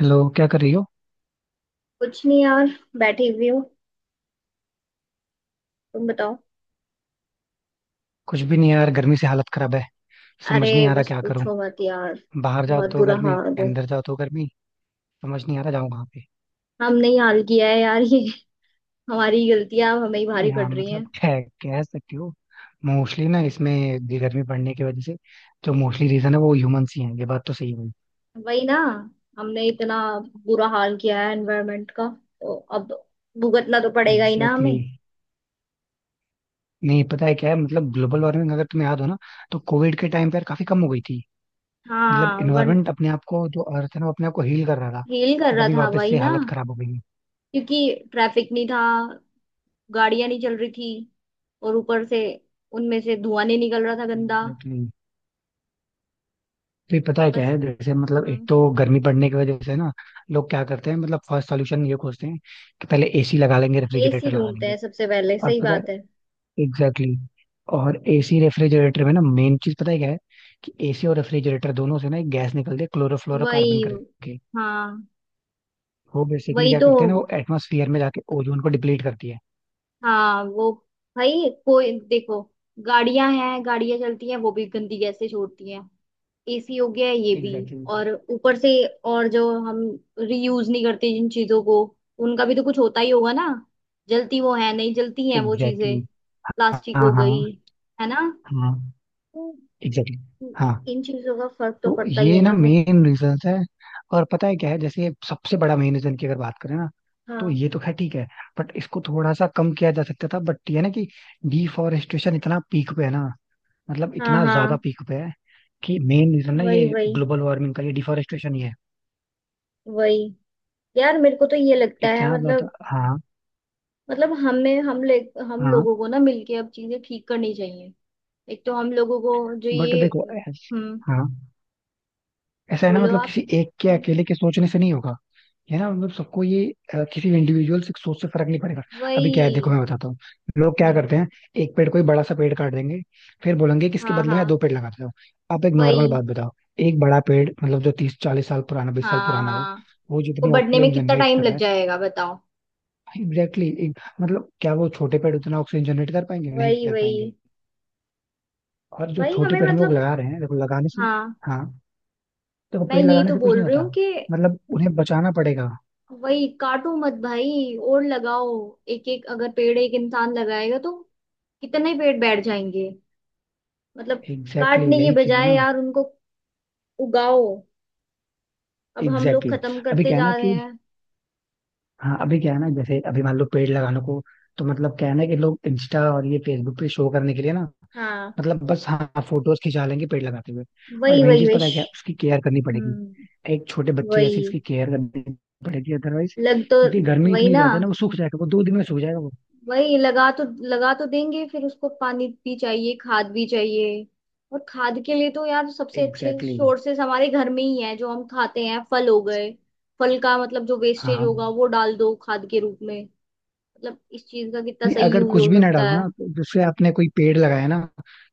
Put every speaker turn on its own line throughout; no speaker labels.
Hello, क्या कर रही हो?
कुछ नहीं यार। बैठी हुई हूँ। तुम बताओ।
कुछ भी नहीं यार, गर्मी से हालत खराब है.
अरे,
समझ नहीं आ रहा
बस
क्या करूं.
पूछो मत यार।
बाहर जाओ
बहुत
तो
बुरा
गर्मी,
हाल है।
अंदर जाओ तो गर्मी. समझ नहीं आ रहा जाऊं कहाँ पे.
हमने ही हाल किया है यार ये। हमारी गलतियां अब हमें ही भारी
नहीं,
पड़
हाँ,
रही हैं।
मतलब है, कह सकती हो. मोस्टली ना इसमें, ये गर्मी पड़ने की वजह से जो मोस्टली रीजन है वो ह्यूमंस ही हैं, ये बात तो सही हुई.
वही ना। हमने इतना बुरा हाल किया है एनवायरनमेंट का। तो अब भुगतना तो पड़ेगा ही ना
एग्जैक्टली
हमें।
exactly. नहीं, पता है क्या है, मतलब ग्लोबल वार्मिंग अगर तुम्हें याद हो ना, तो कोविड के टाइम पर काफी कम हो गई थी. मतलब
हाँ वन
इन्वायरमेंट अपने आप को, जो अर्थ है ना, वो अपने आप को हील कर रहा था.
हील कर
बट
रहा
अभी
था।
वापस
वही
से
ना।
हालत खराब हो गई है.
क्योंकि ट्रैफिक नहीं था। गाड़ियां नहीं चल रही थी। और ऊपर से उनमें से धुआं नहीं निकल रहा था गंदा।
एग्जैक्टली. फिर पता है क्या
बस।
है, जैसे मतलब एक
हम्म।
तो गर्मी बढ़ने की वजह से ना, लोग क्या करते हैं, मतलब फर्स्ट सॉल्यूशन ये खोजते हैं, कि पहले एसी लगा लेंगे,
एसी
रेफ्रिजरेटर लगा
ढूंढते
लेंगे.
हैं सबसे पहले,
और
सही
पता है.
बात है।
एग्जैक्टली exactly, और एसी रेफ्रिजरेटर में ना मेन चीज पता है क्या है? कि एसी और रेफ्रिजरेटर दोनों से ना एक गैस निकलती है, क्लोरोफ्लोरोकार्बन
वही।
करके.
हाँ।
वो बेसिकली
वही
क्या
तो।
करते हैं ना, वो एटमोसफियर में जाके ओजोन को डिप्लीट करती है.
हाँ वो। भाई कोई देखो। गाड़ियां हैं, गाड़ियां चलती हैं वो भी गंदी गैसें छोड़ती हैं। एसी हो गया है ये भी।
Exactly exactly.
और ऊपर से और जो हम रीयूज नहीं करते जिन चीजों को उनका भी तो कुछ होता ही होगा ना। जलती वो है नहीं जलती हैं वो
एग्जैक्टली
चीजें।
exactly.
प्लास्टिक
हाँ,
हो गई।
हाँ,
है ना।
हाँ.
तो
एग्जैक्टली exactly. हाँ.
इन चीजों का फर्क तो
तो
पड़ता ही
ये
है
ना
ना फिर।
मेन रीजंस है. और पता है क्या है, जैसे सबसे बड़ा मेन रीजन की अगर बात करें ना, तो
हाँ
ये तो खैर ठीक है, बट इसको थोड़ा सा कम किया जा सकता था. बट ये ना कि डिफॉरेस्टेशन इतना पीक पे है ना, मतलब
हाँ
इतना
हाँ।
ज्यादा पीक पे है. कि मेन रीजन ना
वही
ये
वही
ग्लोबल वार्मिंग का, ये डिफॉरेस्टेशन ही है.
वही। यार मेरे को तो ये लगता है
इतना ज्यादा,
मतलब।
हाँ,
मतलब हमें हम
हाँ.
लोगों को ना मिलके अब चीजें ठीक करनी चाहिए। एक तो हम लोगों को जो
बट
ये,
देखो,
हम्म।
हाँ, ऐसा है ना,
बोलो
मतलब
आप।
किसी एक के
हम्म।
अकेले के सोचने से नहीं होगा. ये ना मतलब सबको ये, किसी इंडिविजुअल सोच से फर्क नहीं पड़ेगा. अभी क्या
वही।
है, देखो मैं बताता हूँ, लोग क्या
हम्म।
करते हैं. एक पेड़ कोई बड़ा सा पेड़ काट देंगे. फिर बोलेंगे कि इसके
हाँ
बदले
हाँ।
में दो पेड़ लगा देता हूँ. आप एक नॉर्मल
वही।
बात बताओ. एक बड़ा पेड़ मतलब जो 30 40 साल पुराना, 20 साल
हाँ
पुराना हो,
हाँ।
वो
उसको
जितनी
बढ़ने में
ऑक्सीजन
कितना
जनरेट
टाइम
कर रहा
लग
है.
जाएगा बताओ।
एग्जैक्टली exactly, मतलब क्या वो छोटे पेड़ उतना ऑक्सीजन जनरेट कर पाएंगे? नहीं
वही
कर
वही।
पाएंगे. और जो
भाई
छोटे
हमें
पेड़ हम लोग
मतलब।
लगा रहे हैं, देखो लगाने से,
हाँ।
हाँ, देखो
मैं
पेड़
यही
लगाने
तो
से कुछ
बोल
नहीं
रही हूँ
होता,
कि।
मतलब उन्हें बचाना पड़ेगा.
वही। काटो मत भाई और लगाओ। एक एक अगर पेड़ एक इंसान लगाएगा तो कितने पेड़ बैठ जाएंगे। मतलब।
एग्जैक्टली
काटने
exactly,
के
यही चीज है
बजाय
ना.
यार उनको उगाओ। अब हम लोग
एग्जैक्टली
खत्म
exactly. अभी
करते
क्या है
जा
ना
रहे
कि
हैं।
हाँ, अभी क्या है ना, जैसे अभी मान लो पेड़ लगाने को, तो मतलब क्या है ना, कि लोग इंस्टा और ये फेसबुक पे शो करने के लिए ना,
हाँ।
मतलब बस, हाँ, फोटोज खिंचा लेंगे पेड़ लगाते हुए. बट
वही
मेन
वही
चीज पता
विश।
है क्या है? उसकी केयर करनी पड़ेगी.
हम्म।
एक छोटे बच्चे जैसे
वही।
इसकी केयर करनी पड़ेगी, अदरवाइज,
लग तो।
क्योंकि गर्मी
वही
इतनी
ना।
ज्यादा है ना, वो 2 दिन में सूख जाएगा वो.
वही। लगा तो देंगे फिर उसको पानी भी चाहिए खाद भी चाहिए। और खाद के लिए तो यार सबसे अच्छे
एग्जैक्टली exactly.
सोर्सेस हमारे घर में ही है जो हम खाते हैं फल हो गए। फल का मतलब जो वेस्टेज
हाँ.
होगा वो डाल दो खाद के रूप में। मतलब इस चीज का कितना
नहीं,
सही
अगर
यूज
कुछ
हो
भी ना
सकता
डालो ना,
है।
तो जैसे आपने कोई पेड़ लगाया ना,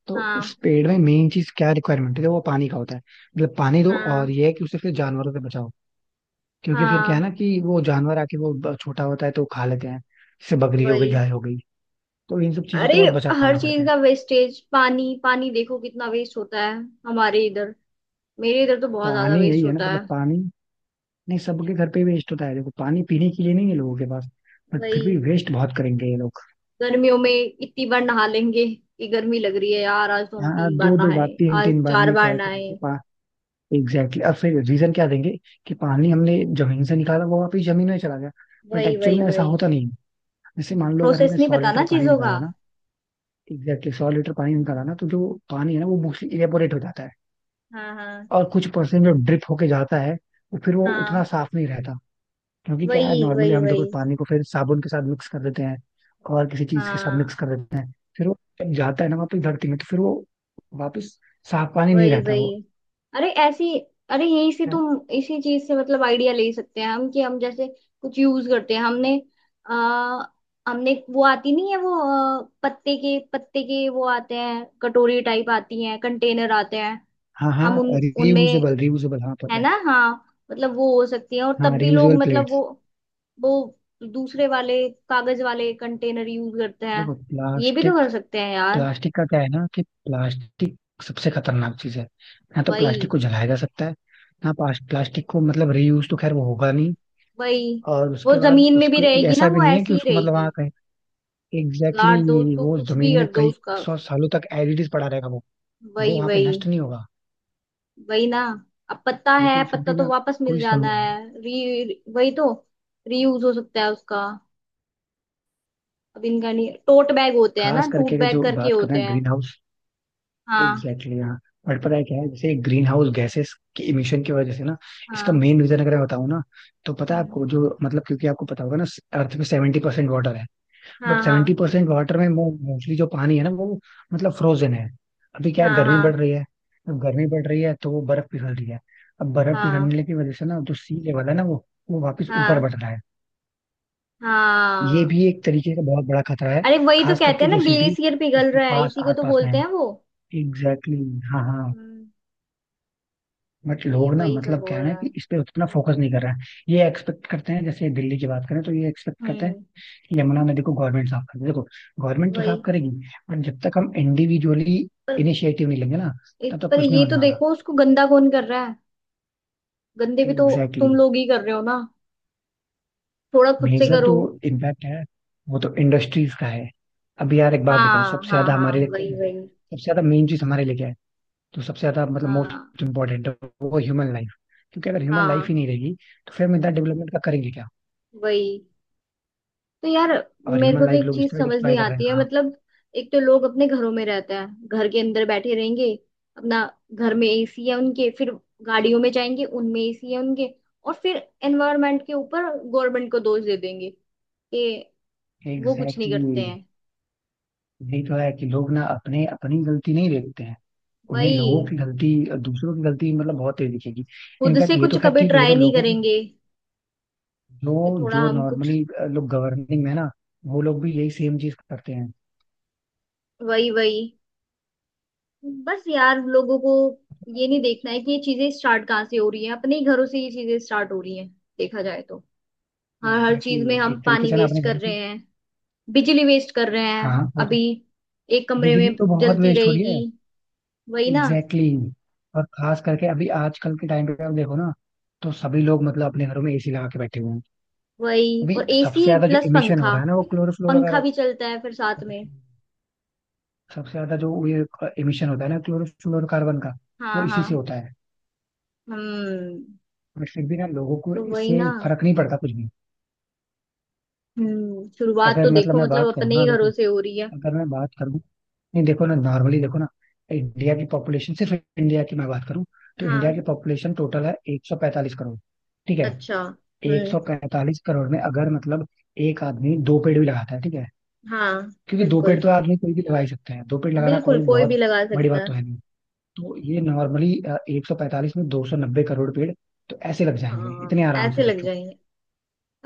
तो उस
हाँ
पेड़ में मेन चीज क्या रिक्वायरमेंट है, वो पानी का होता है. मतलब पानी दो, और
हाँ
ये है कि उसे फिर जानवरों से बचाओ, क्योंकि फिर क्या है
हाँ।
ना, कि वो जानवर आके छोटा होता है तो वो खा लेते हैं. जैसे बकरी हो गई,
वही।
गाय हो गई, तो इन सब चीजों
अरे
से बहुत
हर
बचाना पड़ता
चीज
है.
का वेस्टेज, पानी पानी देखो कितना वेस्ट होता है। हमारे इधर। मेरे इधर तो बहुत ज्यादा
पानी
वेस्ट
यही है ना
होता
मतलब
है।
पानी. नहीं, सबके घर पे वेस्ट होता है, देखो पानी पीने के लिए नहीं है लोगों के पास, बट फिर भी
वही।
वेस्ट बहुत करेंगे ये लोग.
गर्मियों में इतनी बार नहा लेंगे कि गर्मी लग रही है यार, आज तो हम
हाँ,
तीन बार
दो दो बार,
नहाए।
तीन
आज
तीन बार,
चार
ये
बार
कह कह
नहाए।
के. Exactly exactly. अब फिर रीजन क्या देंगे, कि पानी हमने जमीन से निकाला वो वापस जमीन में चला गया. बट
वही
एक्चुअल
वही
में ऐसा
वही।
होता नहीं है. जैसे मान लो अगर
प्रोसेस
हमने
नहीं
सौ
पता
लीटर
ना
पानी
चीजों का।
निकाला ना. एग्जैक्टली, 100 लीटर पानी निकाला
हम्म।
ना, तो जो पानी है ना, वो मोस्टली इवेपोरेट हो जाता है.
हाँ हाँ
और कुछ परसेंट जो ड्रिप होके जाता है, वो फिर वो उतना
हाँ।
साफ नहीं रहता, क्योंकि क्या है,
वही
नॉर्मली
वही
हम देखो
वही।
पानी को फिर साबुन के साथ मिक्स कर देते हैं. और किसी चीज के साथ
हाँ।
मिक्स कर देते हैं, फिर वो जब जाता है ना वापस धरती में, तो फिर वो वापस साफ पानी नहीं
वही
रहता
वही।
वो.
अरे ऐसी। अरे यही से तुम इसी चीज से मतलब आइडिया ले सकते हैं हम कि हम जैसे कुछ यूज करते हैं हमने, आ, हमने वो आती नहीं है वो, पत्ते के वो आते हैं कटोरी टाइप आती हैं कंटेनर आते हैं।
हाँ, हाँ,
हम उन उनमें।
रियूजेबल, रियूजेबल, हाँ
है
पता है.
ना। हाँ। मतलब वो हो सकती है और
हाँ,
तब भी लोग
रियूजेबल
मतलब
प्लेट्स.
वो दूसरे वाले कागज वाले कंटेनर यूज करते हैं।
देखो
ये भी तो
प्लास्टिक.
कर सकते हैं यार।
प्लास्टिक का क्या है ना, कि प्लास्टिक सबसे खतरनाक चीज है. ना तो
वही
प्लास्टिक को जलाया जा सकता है, ना प्लास्टिक को मतलब रीयूज तो खैर वो होगा नहीं.
वही।
और
वो
उसके बाद
जमीन में भी
उसको,
रहेगी
ऐसा
ना,
भी
वो
नहीं है
ऐसी
कि
ही
उसको मतलब वहाँ
रहेगी।
कहीं. एग्जैक्टली
गाड़ दो
exactly,
उसको,
वो
कुछ भी
जमीन में
कर दो
कई
उसका।
सौ सालों तक एडिड पड़ा रहेगा वो. वो
वही
वहाँ पे
वही।
नष्ट नहीं होगा.
वही ना। अब पत्ता है,
लेकिन फिर
पत्ता
भी
तो
ना,
वापस मिल
कोई समझ
जाना
नहीं.
है, री वही तो। रीयूज हो सकता है उसका। अब इनका नहीं टोट बैग होते हैं ना,
खास करके
टूट
अगर
बैग
जो
करके
बात
होते
करना
हैं।
Greenhouse.
हाँ।
एग्जैक्टली exactly, हाँ. बट पता है क्या है, जैसे ग्रीन हाउस गैसेस की इमिशन की वजह से ना, इसका
हाँ।
मेन रीजन अगर मैं बताऊँ ना, तो पता है
हम्म।
आपको जो मतलब, क्योंकि आपको पता होगा ना, अर्थ पे 70% वाटर है. बट
हाँ हाँ
70% वाटर में मोस्टली जो पानी है ना, वो मतलब फ्रोजन है. अभी क्या है,
हाँ।
गर्मी
हाँ
बढ़ रही है. अब गर्मी बढ़ रही है, तो वो बर्फ पिघल रही है. अब बर्फ
हाँ।
पिघलने की वजह से ना, जो सी लेवल है ना, वो वापस ऊपर बढ़
हाँ।
रहा है. ये
हाँ।
भी एक तरीके का बहुत बड़ा खतरा है.
अरे वही तो
खास
कहते
करके
हैं ना
जो सिटी
ग्लेशियर पिघल
इसके
रहा है,
पास
इसी को
आस
तो
पास में
बोलते
है.
हैं वो।
एग्जैक्टली exactly, हाँ, हाँ.
हम्म।
बट
तो ये
लोग ना,
वही सब
मतलब
हो
क्या है ना,
रहा है।
कि इस पे उतना फोकस नहीं कर रहे हैं. ये एक्सपेक्ट करते हैं, जैसे दिल्ली की बात करें तो ये एक्सपेक्ट करते हैं
हम्म।
कि यमुना नदी को गवर्नमेंट साफ कर दे. देखो, गवर्नमेंट तो साफ
वही।
करेगी, बट जब तक हम इंडिविजुअली
पर।
इनिशिएटिव नहीं लेंगे ना,
एक
तब तक
पर
कुछ नहीं
ये
होने
तो
वाला.
देखो उसको गंदा कौन कर रहा है। गंदे भी तो
एग्जैक्टली.
तुम लोग ही कर रहे हो ना, थोड़ा खुद से
मेजर
करो।
जो इम्पैक्ट है, वो तो इंडस्ट्रीज का है. अब यार एक बात बताओ,
हाँ
सबसे
हाँ
ज्यादा
हाँ।
हमारे लिए
वही
मतलब,
वही।
सबसे ज्यादा मेन चीज हमारे लिए क्या है? तो सबसे ज्यादा मतलब
हाँ
मोस्ट इम्पोर्टेंट, वो ह्यूमन लाइफ. क्योंकि अगर ह्यूमन लाइफ ही
हाँ।
नहीं रहेगी, तो फिर हम इतना डेवलपमेंट का करेंगे क्या?
वही। तो यार
और
मेरे को
ह्यूमन
तो
लाइफ
एक
लोग
चीज
इसलिए
समझ
डिस्ट्रॉय
नहीं
कर रहे हैं.
आती है
हाँ.
मतलब। एक तो लोग अपने घरों में रहते हैं, घर के अंदर बैठे रहेंगे। अपना घर में एसी है उनके फिर। गाड़ियों में जाएंगे उनमें एसी है उनके। और फिर एनवायरनमेंट के ऊपर गवर्नमेंट को दोष दे देंगे कि वो कुछ नहीं
एग्जैक्टली exactly.
करते हैं।
यही तो है कि लोग ना अपने अपनी गलती नहीं देखते हैं. उन्हें
वही।
लोगों की गलती, दूसरों की गलती मतलब बहुत तेज दिखेगी.
खुद से
इनफैक्ट ये
कुछ
तो खैर
कभी
ठीक है, ये
ट्राई
तो
नहीं
लोगों की
करेंगे
जो,
कि थोड़ा
जो
हम कुछ।
नॉर्मली लोग गवर्निंग में ना, वो लोग भी यही सेम चीज करते हैं.
वही वही। बस यार लोगों को ये नहीं देखना है कि ये चीजें स्टार्ट कहाँ से हो रही हैं, अपने ही घरों से ये चीजें स्टार्ट हो रही हैं। देखा जाए तो हर हर
एग्जैक्टली
चीज में
exactly.
हम
एक तरीके
पानी
से ना अपने
वेस्ट कर
घर से.
रहे हैं। बिजली वेस्ट कर रहे
हाँ
हैं,
वो तो,
अभी एक कमरे
बिजली
में
तो बहुत
जलती
वेस्ट हो रही
रहेगी।
है.
वही ना।
Exactly exactly. और खास करके अभी आजकल के टाइम पे आप देखो ना, तो सभी लोग मतलब अपने घरों में एसी लगा के बैठे हुए हैं.
वही,
अभी
और
सबसे
एसी
ज्यादा जो
प्लस
इमिशन हो
पंखा।
रहा है ना, वो
पंखा
क्लोरोफ्लोरोकार्बन.
भी चलता है फिर साथ में।
सबसे ज्यादा जो ये इमिशन होता है ना क्लोरोफ्लोरोकार्बन का, वो
हाँ हाँ।
इसी से होता है.
हम्म।
बट फिर भी ना, लोगों को
तो वही
इससे
ना।
फर्क नहीं पड़ता कुछ भी.
हम्म, शुरुआत तो
अगर मतलब
देखो
मैं बात
मतलब
करूँ
अपने ही
ना, देखो,
घरों से हो रही है।
अगर मैं बात करूँ, नहीं देखो ना, नॉर्मली देखो ना, इंडिया की पॉपुलेशन सिर्फ, इंडिया की मैं बात करूँ, तो इंडिया की
हाँ।
पॉपुलेशन टोटल है 145 करोड़. ठीक है.
अच्छा। हम्म।
145 करोड़ में अगर मतलब एक आदमी दो पेड़ भी लगाता है, ठीक है,
हाँ
क्योंकि दो
बिल्कुल
पेड़ तो आदमी कोई भी लगा ही सकता है, दो पेड़ लगाना
बिल्कुल,
कोई
कोई भी
बहुत
लगा
बड़ी
सकता
बात तो
है।
है नहीं. तो ये नॉर्मली 145 में 290 करोड़ पेड़ तो ऐसे लग जाएंगे
हाँ।
इतने आराम
ऐसे
से,
लग
सोचो.
जाएंगे।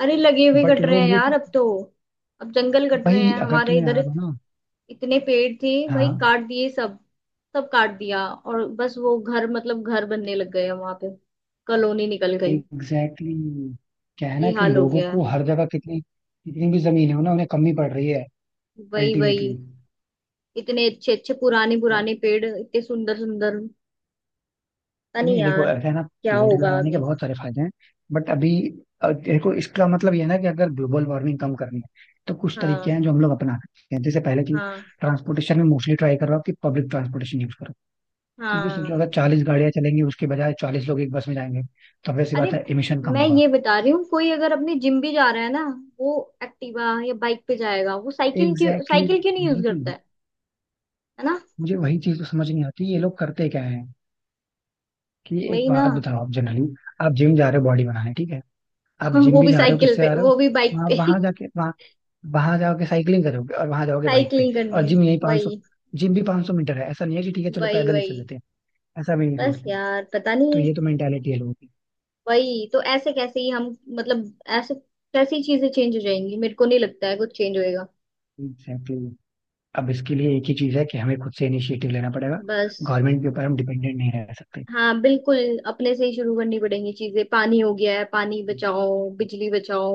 अरे लगे हुए
बट
कट रहे हैं
लोग ये
यार
चीज.
अब तो। अब जंगल कट रहे
भाई
हैं
अगर
हमारे
तुम्हें
इधर।
याद हो ना.
इतने पेड़ थे भाई,
हाँ.
काट दिए सब। सब काट दिया और बस वो घर मतलब घर बनने लग गए वहां पे। कॉलोनी निकल गई।
एग्जैक्टली exactly, क्या है
ये
ना कि
हाल हो
लोगों
गया
को
है।
हर जगह कितनी कितनी भी जमीन हो ना, उन्हें कमी पड़ रही है.
वही वही।
अल्टीमेटली.
इतने अच्छे अच्छे पुराने पुराने पेड़ इतने सुंदर सुंदर, पता नहीं
नहीं देखो,
यार
ऐसा है ना,
क्या
पेड़
होगा
लगाने के
आगे।
बहुत सारे फायदे हैं. बट अभी देखो इसका मतलब ये है ना कि अगर ग्लोबल वार्मिंग कम करनी है, तो कुछ तरीके
हाँ
हैं जो हम लोग अपना सकते हैं, जैसे पहले की
हाँ
ट्रांसपोर्टेशन में मोस्टली ट्राई कर रहा हूँ कि पब्लिक ट्रांसपोर्टेशन यूज. क्योंकि
हाँ।
सोचो, अगर 40 गाड़ियां चलेंगी, उसके बजाय 40 लोग एक बस में जाएंगे, तो वैसी
अरे
बात है, एमिशन कम
मैं
होगा.
ये बता रही हूँ, कोई अगर अपने जिम भी जा रहा है ना, वो एक्टिवा या बाइक पे जाएगा, वो साइकिल क्यों,
एग्जैक्टली
साइकिल क्यों
exactly.
नहीं यूज करता है। है ना।
मुझे वही चीज तो समझ नहीं आती, ये लोग करते क्या है, कि एक
वही ना।
बात बताओ, आप जनरली, आप जिम जा रहे हो बॉडी बनाने, ठीक है. आप जिम
वो
भी
भी
जा रहे हो,
साइकिल
किससे
पे
आ रहे हो?
वो भी बाइक
वहां
पे
वहां जाके, वहां वहां जाओगे साइकिलिंग करोगे, और वहां जाओगे बाइक पे.
साइकिलिंग
और
करने।
जिम यही 500 सौ,
वही
जिम भी 500 मीटर है. ऐसा नहीं है कि ठीक है चलो
वही
पैदल ही चल
वही।
लेते हैं. ऐसा भी नहीं
बस
सोचते.
यार पता
तो
नहीं।
ये तो मेंटेलिटी है लोगों की.
वही तो, ऐसे कैसे ही हम मतलब। ऐसे कैसी चीजें चेंज हो जाएंगी, मेरे को नहीं लगता है कुछ चेंज होएगा।
एग्जैक्टली. अब इसके लिए एक ही चीज है कि हमें खुद से इनिशिएटिव लेना पड़ेगा.
बस।
गवर्नमेंट के ऊपर हम डिपेंडेंट नहीं रह सकते.
हाँ बिल्कुल, अपने से ही शुरू करनी पड़ेंगी चीजें, पानी हो गया है, पानी बचाओ, बिजली बचाओ।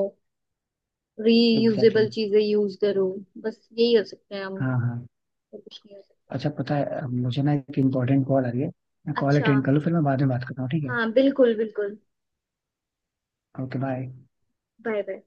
Exactly
reusable
exactly.
चीजें यूज करो। बस यही हो सकता है हम।
हाँ, हाँ.
और कुछ नहीं हो सकता।
अच्छा, पता है, अब मुझे ना एक इम्पोर्टेंट कॉल आ रही है, मैं कॉल
अच्छा।
अटेंड कर लूँ, फिर मैं बाद में बात करता हूँ, ठीक है.
हाँ बिल्कुल बिल्कुल।
Okay, bye.
Bye bye.